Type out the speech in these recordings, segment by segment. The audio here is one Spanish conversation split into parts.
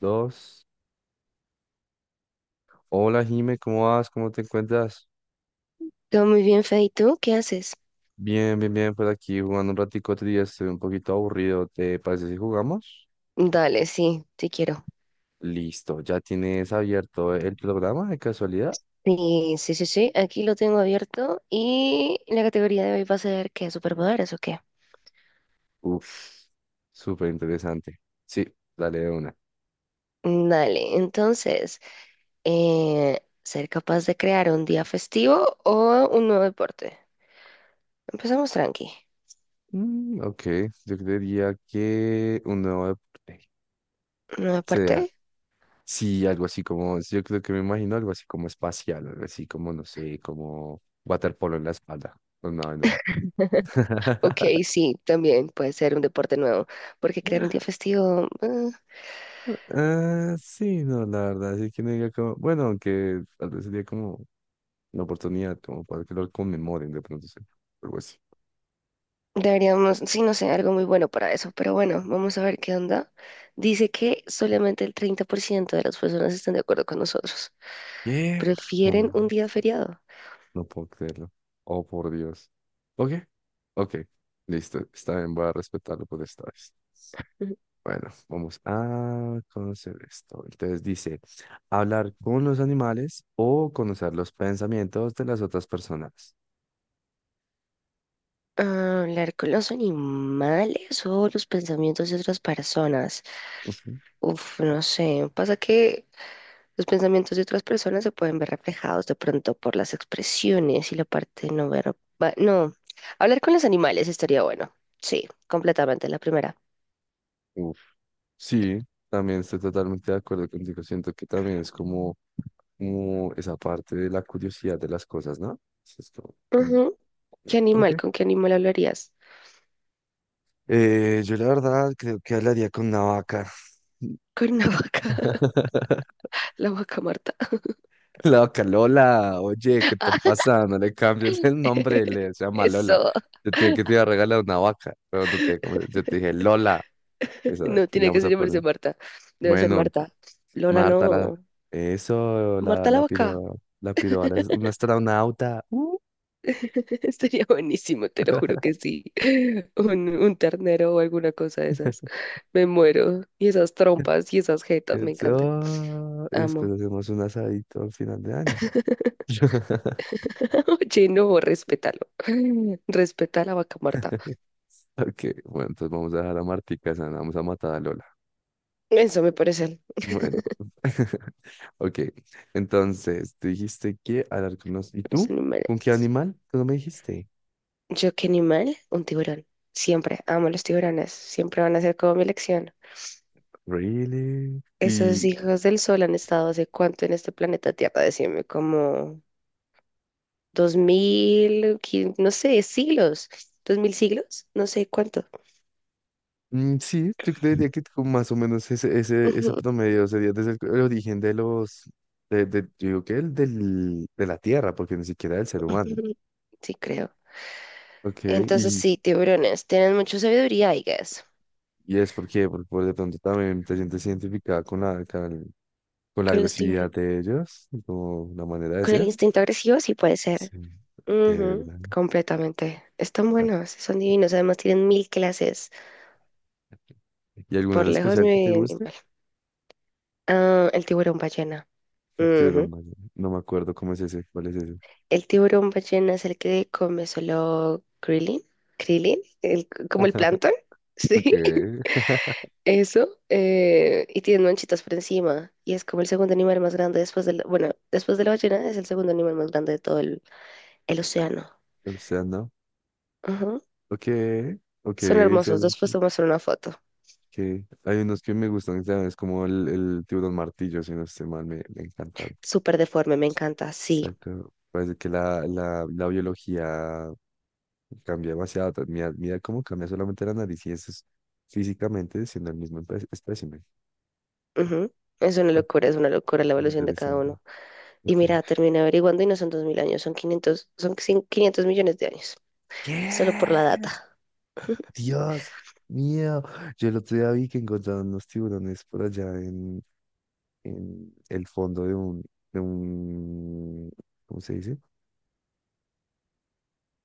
Dos. Hola, Jime, ¿cómo vas? ¿Cómo te encuentras? Todo muy bien, Fe. ¿Y tú qué haces? Bien, bien, bien, por aquí jugando un ratico otro día, estoy un poquito aburrido. ¿Te parece si jugamos? Dale, sí, sí quiero. Listo, ¿ya tienes abierto el programa de casualidad? Sí, sí, sí, sí. Aquí lo tengo abierto y la categoría de hoy va a ser, ¿qué superpoderes o qué? Uf, súper interesante. Sí, dale de una. Dale, entonces, eh, ¿ser capaz de crear un día festivo o un nuevo deporte? Empezamos tranqui. Ok, yo creería que un nuevo deporte ¿Nuevo sea, deporte? sí, algo así como, yo creo que me imagino algo así como espacial, algo así como, no sé, como waterpolo en la espalda, o nada, no sé. Ok, sí, también puede ser un deporte nuevo, porque crear un día festivo, Ah, sí, no, la verdad, sí que no diga como, bueno, aunque tal vez sería como una oportunidad como para que lo conmemoren de pronto, sí, algo así. deberíamos, sí, no sé, algo muy bueno para eso, pero bueno, vamos a ver qué onda. Dice que solamente el 30% de las personas están de acuerdo con nosotros. ¿Qué? Prefieren Oh, un día feriado. no puedo creerlo. Oh, por Dios. Ok, ok, listo, está bien, voy a respetarlo por esta vez. Ujú. Bueno, vamos a conocer esto. Entonces dice, hablar con los animales o conocer los pensamientos de las otras personas. Ah, hablar con los animales o los pensamientos de otras personas. No sé. Pasa que los pensamientos de otras personas se pueden ver reflejados de pronto por las expresiones y la parte no verbal. No, hablar con los animales estaría bueno. Sí, completamente, la primera. Ujú. Sí, también estoy totalmente de acuerdo contigo. Siento que también es como esa parte de la curiosidad de las cosas, ¿no? Es esto, mm, ¿Qué animal? ok. ¿Con qué animal hablarías? Yo la verdad creo que hablaría con una vaca. Con una vaca, la vaca Marta. La vaca Lola, oye, ¿qué te pasa? No le cambies el nombre, le se llama Lola. Eso. Yo te dije que te iba a regalar una vaca, pero no te, yo te dije Lola, eso, No ¿qué le tiene que vamos a ser poner? llamarse Marta. Debe ser Bueno, Marta. Lola, Marta, la, no. eso, Marta la vaca. La pido una astronauta. ¡Uh! Estaría buenísimo, te lo juro que sí. Un ternero o alguna cosa de esas. Me muero. Y esas trompas y esas jetas me encantan. Eso. Y después Amo. hacemos un asadito al final de año. Oye, no, respétalo. Respeta a la vaca Marta. Ok, bueno, entonces vamos a dejar a Martica sana, vamos a matar a Lola. Eso me parecen Bueno, ok. Entonces, tú dijiste que hablar ¿Y los tú? ¿Con qué animales. animal? ¿Tú no me dijiste? Yo, qué animal, un tiburón. Siempre amo los tiburones. Siempre van a ser como mi elección. Really? Esos Y hijos del sol han estado hace cuánto en este planeta Tierra, decime, como no sé, siglos, 2000 siglos, no sé cuánto. Mm, sí, yo diría que como más o menos ese Ujú, promedio sería desde el origen de los, de- yo digo que de la Tierra, porque ni siquiera del ser humano. ujú. Sí, creo. Ok, Entonces, y, sí, tiburones, tienen mucha sabiduría, I guess, y es porque, por de pronto también te sientes identificada con la con los agresividad tiburones. de ellos, como la manera de Con el ser. instinto agresivo, sí puede ser. Sí, de Ujú, verdad. completamente. Están Ah, buenos, son divinos. Además, tienen mil clases. ¿y alguna en Por lejos, especial que te mi guste? animal. Ah, el tiburón ballena. El tiburón, Ujú. marino. No me acuerdo cómo es ese, cuál es ese. El tiburón ballena es el que come solo krillin, como el plancton. Ok, Sí, eso. Y tiene manchitas por encima. Y es como el segundo animal más grande después del, bueno, después de la ballena es el segundo animal más grande de todo el océano. o sea, no. Ujú. Ok, ok, Son sí, hermosos. sí, Después sí. te muestro una foto. Que hay unos que me gustan, ¿sabes? Como el tiburón martillo, si no estoy mal, me encantan. Súper deforme, me encanta. Sí. Exacto. Parece que la biología cambia demasiado. Mira, mira cómo cambia solamente la nariz y eso es físicamente siendo el mismo espécimen. Ujú. Ok, Es una locura la evolución de cada interesante. uno. Y Ok. mira, terminé averiguando y no son 2.000 años, son 500 500 millones de años. Solo por la ¿Qué? data. Dios mío. Yo el otro día vi que encontraron unos tiburones por allá en el fondo de un, de un, ¿cómo se dice?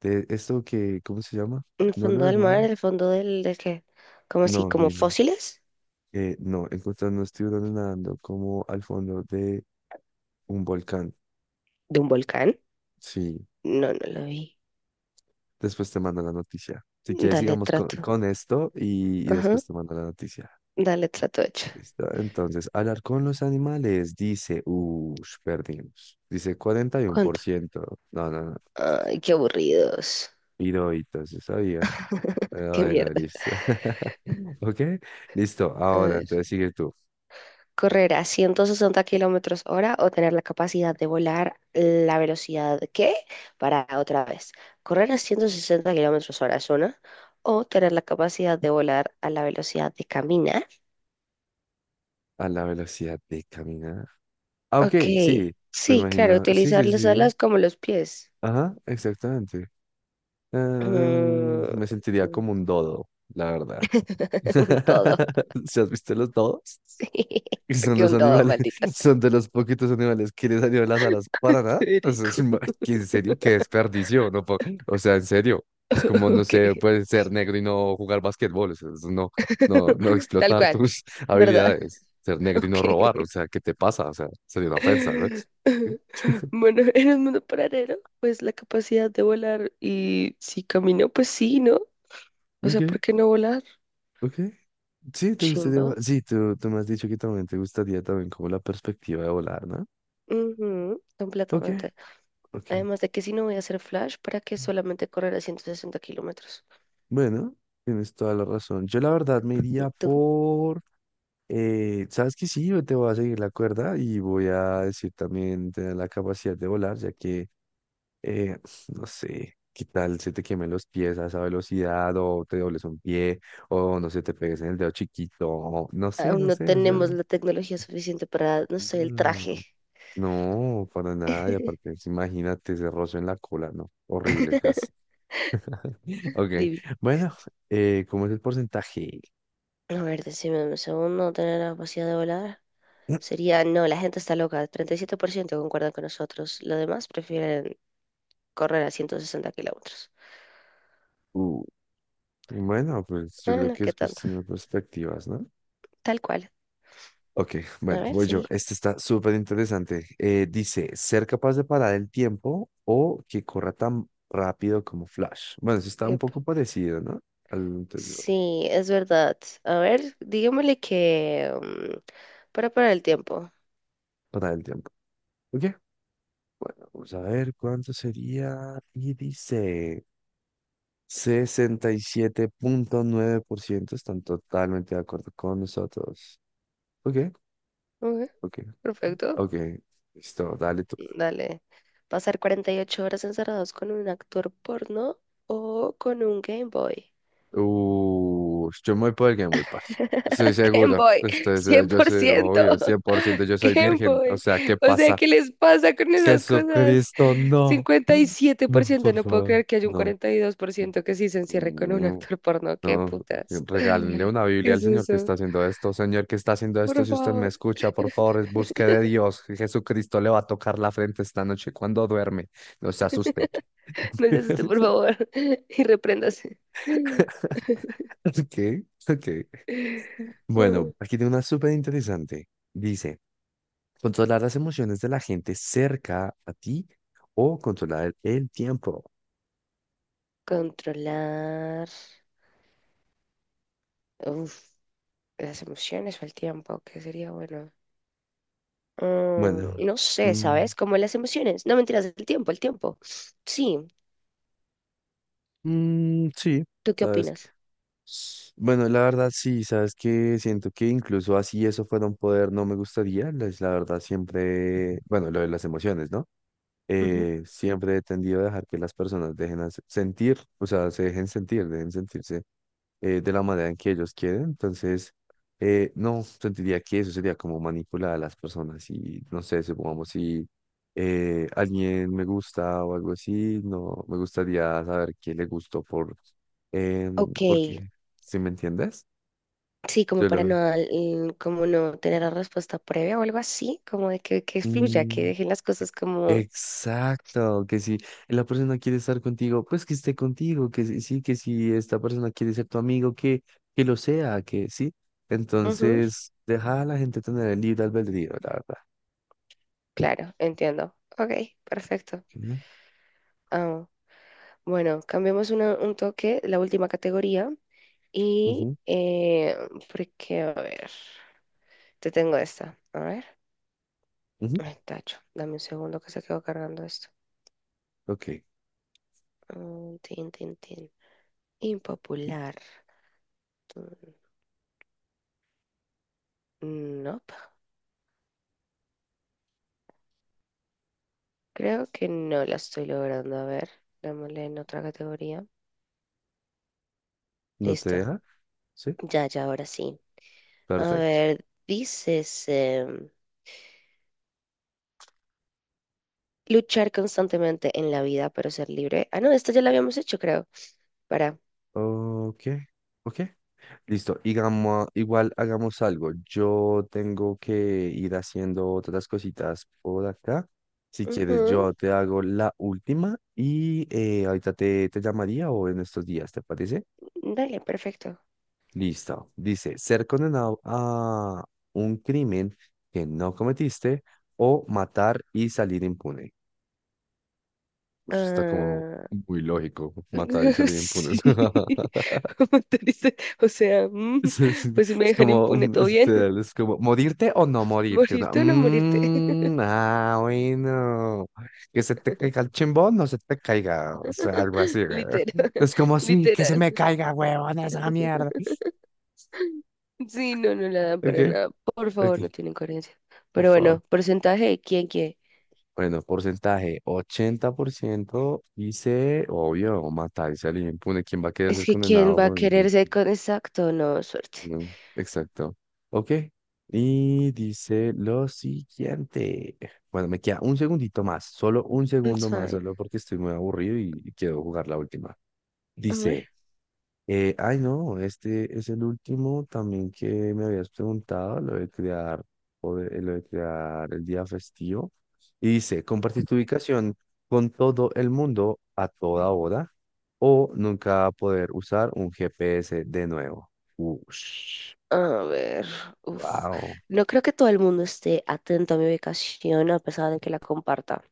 De esto que, ¿cómo se llama? En el No lo fondo del del mar, mar. el fondo del, del que, como así? No, Como Jimmy. fósiles No, encontrarnos tiburones nadando como al fondo de un volcán. de un volcán. Sí, No, no lo vi. después te mando la noticia. Si quieres, Dale sigamos con, trato. con esto y Ajá, después te mando la noticia. dale trato hecho. ¿Listo? Entonces, hablar con los animales dice, uff, perdimos. Dice cuarenta y uno por ¿Cuánto? ciento No, no, no. Ay, qué aburridos. Hirohito, se sabía. Pero Qué bueno, mierda. listo. ¿Ok? Listo. A Ahora, ver. entonces sigue tú. Correr a 160 kilómetros hora o tener la capacidad de volar la velocidad que, para otra vez, correr a 160 kilómetros hora es una, o tener la capacidad de volar a la velocidad de caminar. A la velocidad de caminar. Ah, ok, Ok, sí, me sí, claro, imagino. Sí, utilizar sí, las sí. alas como los pies. Ajá, exactamente. Mm, Me sentiría mm. como un dodo, la verdad. Un todo, ¿Se has visto los dodos? sí, Que son porque los un todo, animales, maldita sea. son de los poquitos animales que les salieron las alas para nada. O sea, Federico, que en serio, qué desperdicio, no. O sea, en serio. Es como, no ok, sé, puedes ser negro y no jugar basquetbol. O sea, es no tal explotar cual, tus ¿verdad? habilidades. Ser negro y Ok. no robar. O sea, ¿qué te pasa? O sea, sería una ofensa, ¿ves? Bueno, en el mundo paralelo, pues la capacidad de volar y si camino, pues sí, ¿no? O sea, ¿por qué no volar? Ok, sí, te gustaría, Chimba. sí, tú me has dicho que también te gustaría también como la perspectiva de volar, ¿no? Ujú, Ok, completamente. ok. Además de que si no voy a hacer flash, ¿para qué solamente correr a 160 kilómetros? Bueno, tienes toda la razón. Yo la verdad me iría tú- por, ¿sabes qué? Sí, yo te voy a seguir la cuerda y voy a decir también tener la capacidad de volar, ya que, eh, no sé, qué tal se te quemen los pies a esa velocidad o te dobles un pie o no sé, te pegues en el dedo chiquito, o no sé, Aún no no sé. O sea, tenemos la tecnología suficiente para, no sé, el no. traje. No, para nada. Y aparte, pues, imagínate ese roce en la cola, ¿no? Horrible, gas. Ok. Divi. Bueno, ¿cómo es el porcentaje? A ver, decime un segundo, ¿no tener la capacidad de volar? Sería, no, la gente está loca. 37% concuerdan con nosotros. Los demás prefieren correr a 160 kilómetros. Uh, bueno, pues yo Ah, creo no, que es qué tanto. cuestión de perspectivas, ¿no? Tal cual. Ok, A bueno, ver, voy yo. sí. Este está súper interesante. Dice, ser capaz de parar el tiempo o que corra tan rápido como Flash. Bueno, eso está un Epa. poco parecido, ¿no? Al anterior, Sí, es verdad. A ver, digámosle que... para parar el tiempo. parar el tiempo. Ok, bueno, vamos a ver cuánto sería. Y dice... 67.9% están totalmente de acuerdo con nosotros. Ok, Ok, ok, perfecto. ok. Listo, dale tú. Dale. ¿Pasar 48 horas encerrados con un actor porno o con un Game Boy? Yo me voy por el Game Boy, parce. Estoy Game seguro. Boy, cien Yo por soy, ciento, obvio, 100%, yo soy Game virgen. O Boy. sea, ¿qué O sea, pasa? ¿qué les pasa con esas cosas? Jesucristo, no. Cincuenta y siete por No, ciento. por No puedo favor, creer que haya un no. 42% que sí se encierre con un Mm, actor porno. ¿Qué no, putas? regálenle ¿Qué una Biblia al es Señor que eso? está haciendo esto. Señor que está haciendo Por esto, si usted me favor, escucha, por favor, busque de Dios. Jesucristo le va a tocar la frente esta noche cuando duerme. No se asuste. ¿Qué? no se asuste, por favor. Y repréndase. ¿Qué? ¿Qué? Uh, Bueno, aquí tiene una súper interesante. Dice, controlar las emociones de la gente cerca a ti o controlar el tiempo. Controlar. Uf, las emociones o el tiempo, que sería bueno. Bueno, No sé, mm, ¿sabes? Como las emociones. No mentiras, el tiempo, el tiempo. Sí, mm, sí, ¿tú qué sabes que opinas? bueno, la verdad sí, sabes que siento que incluso así eso fuera un poder no me gustaría, la verdad siempre, bueno, lo de las emociones, ¿no? Ujú. Siempre he tendido a dejar que las personas dejen hacer- sentir, o sea, se dejen sentir, dejen sentirse de la manera en que ellos quieren. Entonces, no, sentiría que eso sería como manipular a las personas y no sé, supongamos si alguien me gusta o algo así, no, me gustaría saber qué le gustó por, Ok, porque, ¿sí me entiendes? sí, como Yo para lo... no, como no tener la respuesta previa o algo así, como de que fluya, que mm, dejen las cosas como... exacto, que si la persona quiere estar contigo, pues que esté contigo, que sí, que si esta persona quiere ser tu amigo, que lo sea, que sí. Ujú, Entonces, deja a la gente tener el libre albedrío, la verdad. claro, entiendo. Ok, perfecto. Ujú, Ah, bueno, cambiamos un toque, la última categoría, y ujú, porque, a ver, te tengo esta, a ver. ujú, Ay, tacho, dame un segundo que se quedó cargando esto. ok, Mm, tin, tin, tin. Impopular. Mm, nope. Creo que no la estoy logrando. A ver, dámosle en otra categoría. ¿no te Listo. deja? Sí, Ya, ya, ahora sí. A perfecto. ver, dices luchar constantemente en la vida, pero ser libre. Ah, no, esta ya la habíamos hecho, creo. Para. Ok, ok. Listo, digamos, igual hagamos algo. Yo tengo que ir haciendo otras cositas por acá. Si quieres, Ujú, yo te hago la última y ahorita te llamaría o en estos días, ¿te parece? dale, perfecto. Listo. Dice, ser condenado a un crimen que no cometiste o matar y salir impune. Ush, está como Ah, muy lógico, matar y salir sí, impunes. como tú dices, o sea, Es, es- pues si me es dejan como, impune, todo bien. Es como, ¿morirte o no morirte? Uno, ¿Morirte o no morirte? "Mm, ah, bueno, que se te caiga el chimbón, no se te caiga, o sea, algo así, güey. Literal, Es como, sí, que se literal. me caiga, huevón, esa mierda. Sí, no, no la dan Ok, para nada. Por favor, no ok, tienen coherencia. por Pero favor. bueno, porcentaje de quién quiere. Bueno, porcentaje, 80% dice, obvio, matarse a alguien impune, ¿quién va a querer ser Es que quién condenado? va a quererse con exacto, no, suerte. No, exacto. Ok. Y dice lo siguiente. Bueno, me queda un segundito más, solo un It's segundo más, fine. solo porque estoy muy aburrido y quiero jugar la última. A ver. Dice, ay no, este es el último también que me habías preguntado, lo de crear, o lo de crear el día festivo. Y dice, compartir tu ubicación con todo el mundo a toda hora o nunca poder usar un GPS de nuevo. Ush. A ver, uf. Wow. No creo que todo el mundo esté atento a mi ubicación a pesar de que la comparta.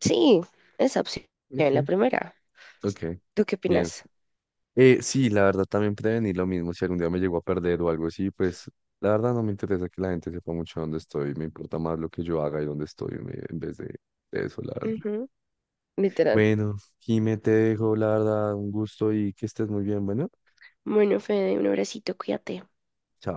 Sí, esa opción, la Okay, primera. okay, ¿Tú qué bien. opinas? Sí, la verdad también prevenir lo mismo. Si algún día me llego a perder o algo así, pues la verdad no me interesa que la gente sepa mucho dónde estoy. Me importa más lo que yo haga y dónde estoy en vez de eso, la verdad. Ujú, literal. Bueno, Jime, te dejo, la verdad, un gusto y que estés muy bien. Bueno, Bueno, Fede, un abracito, cuídate. chao.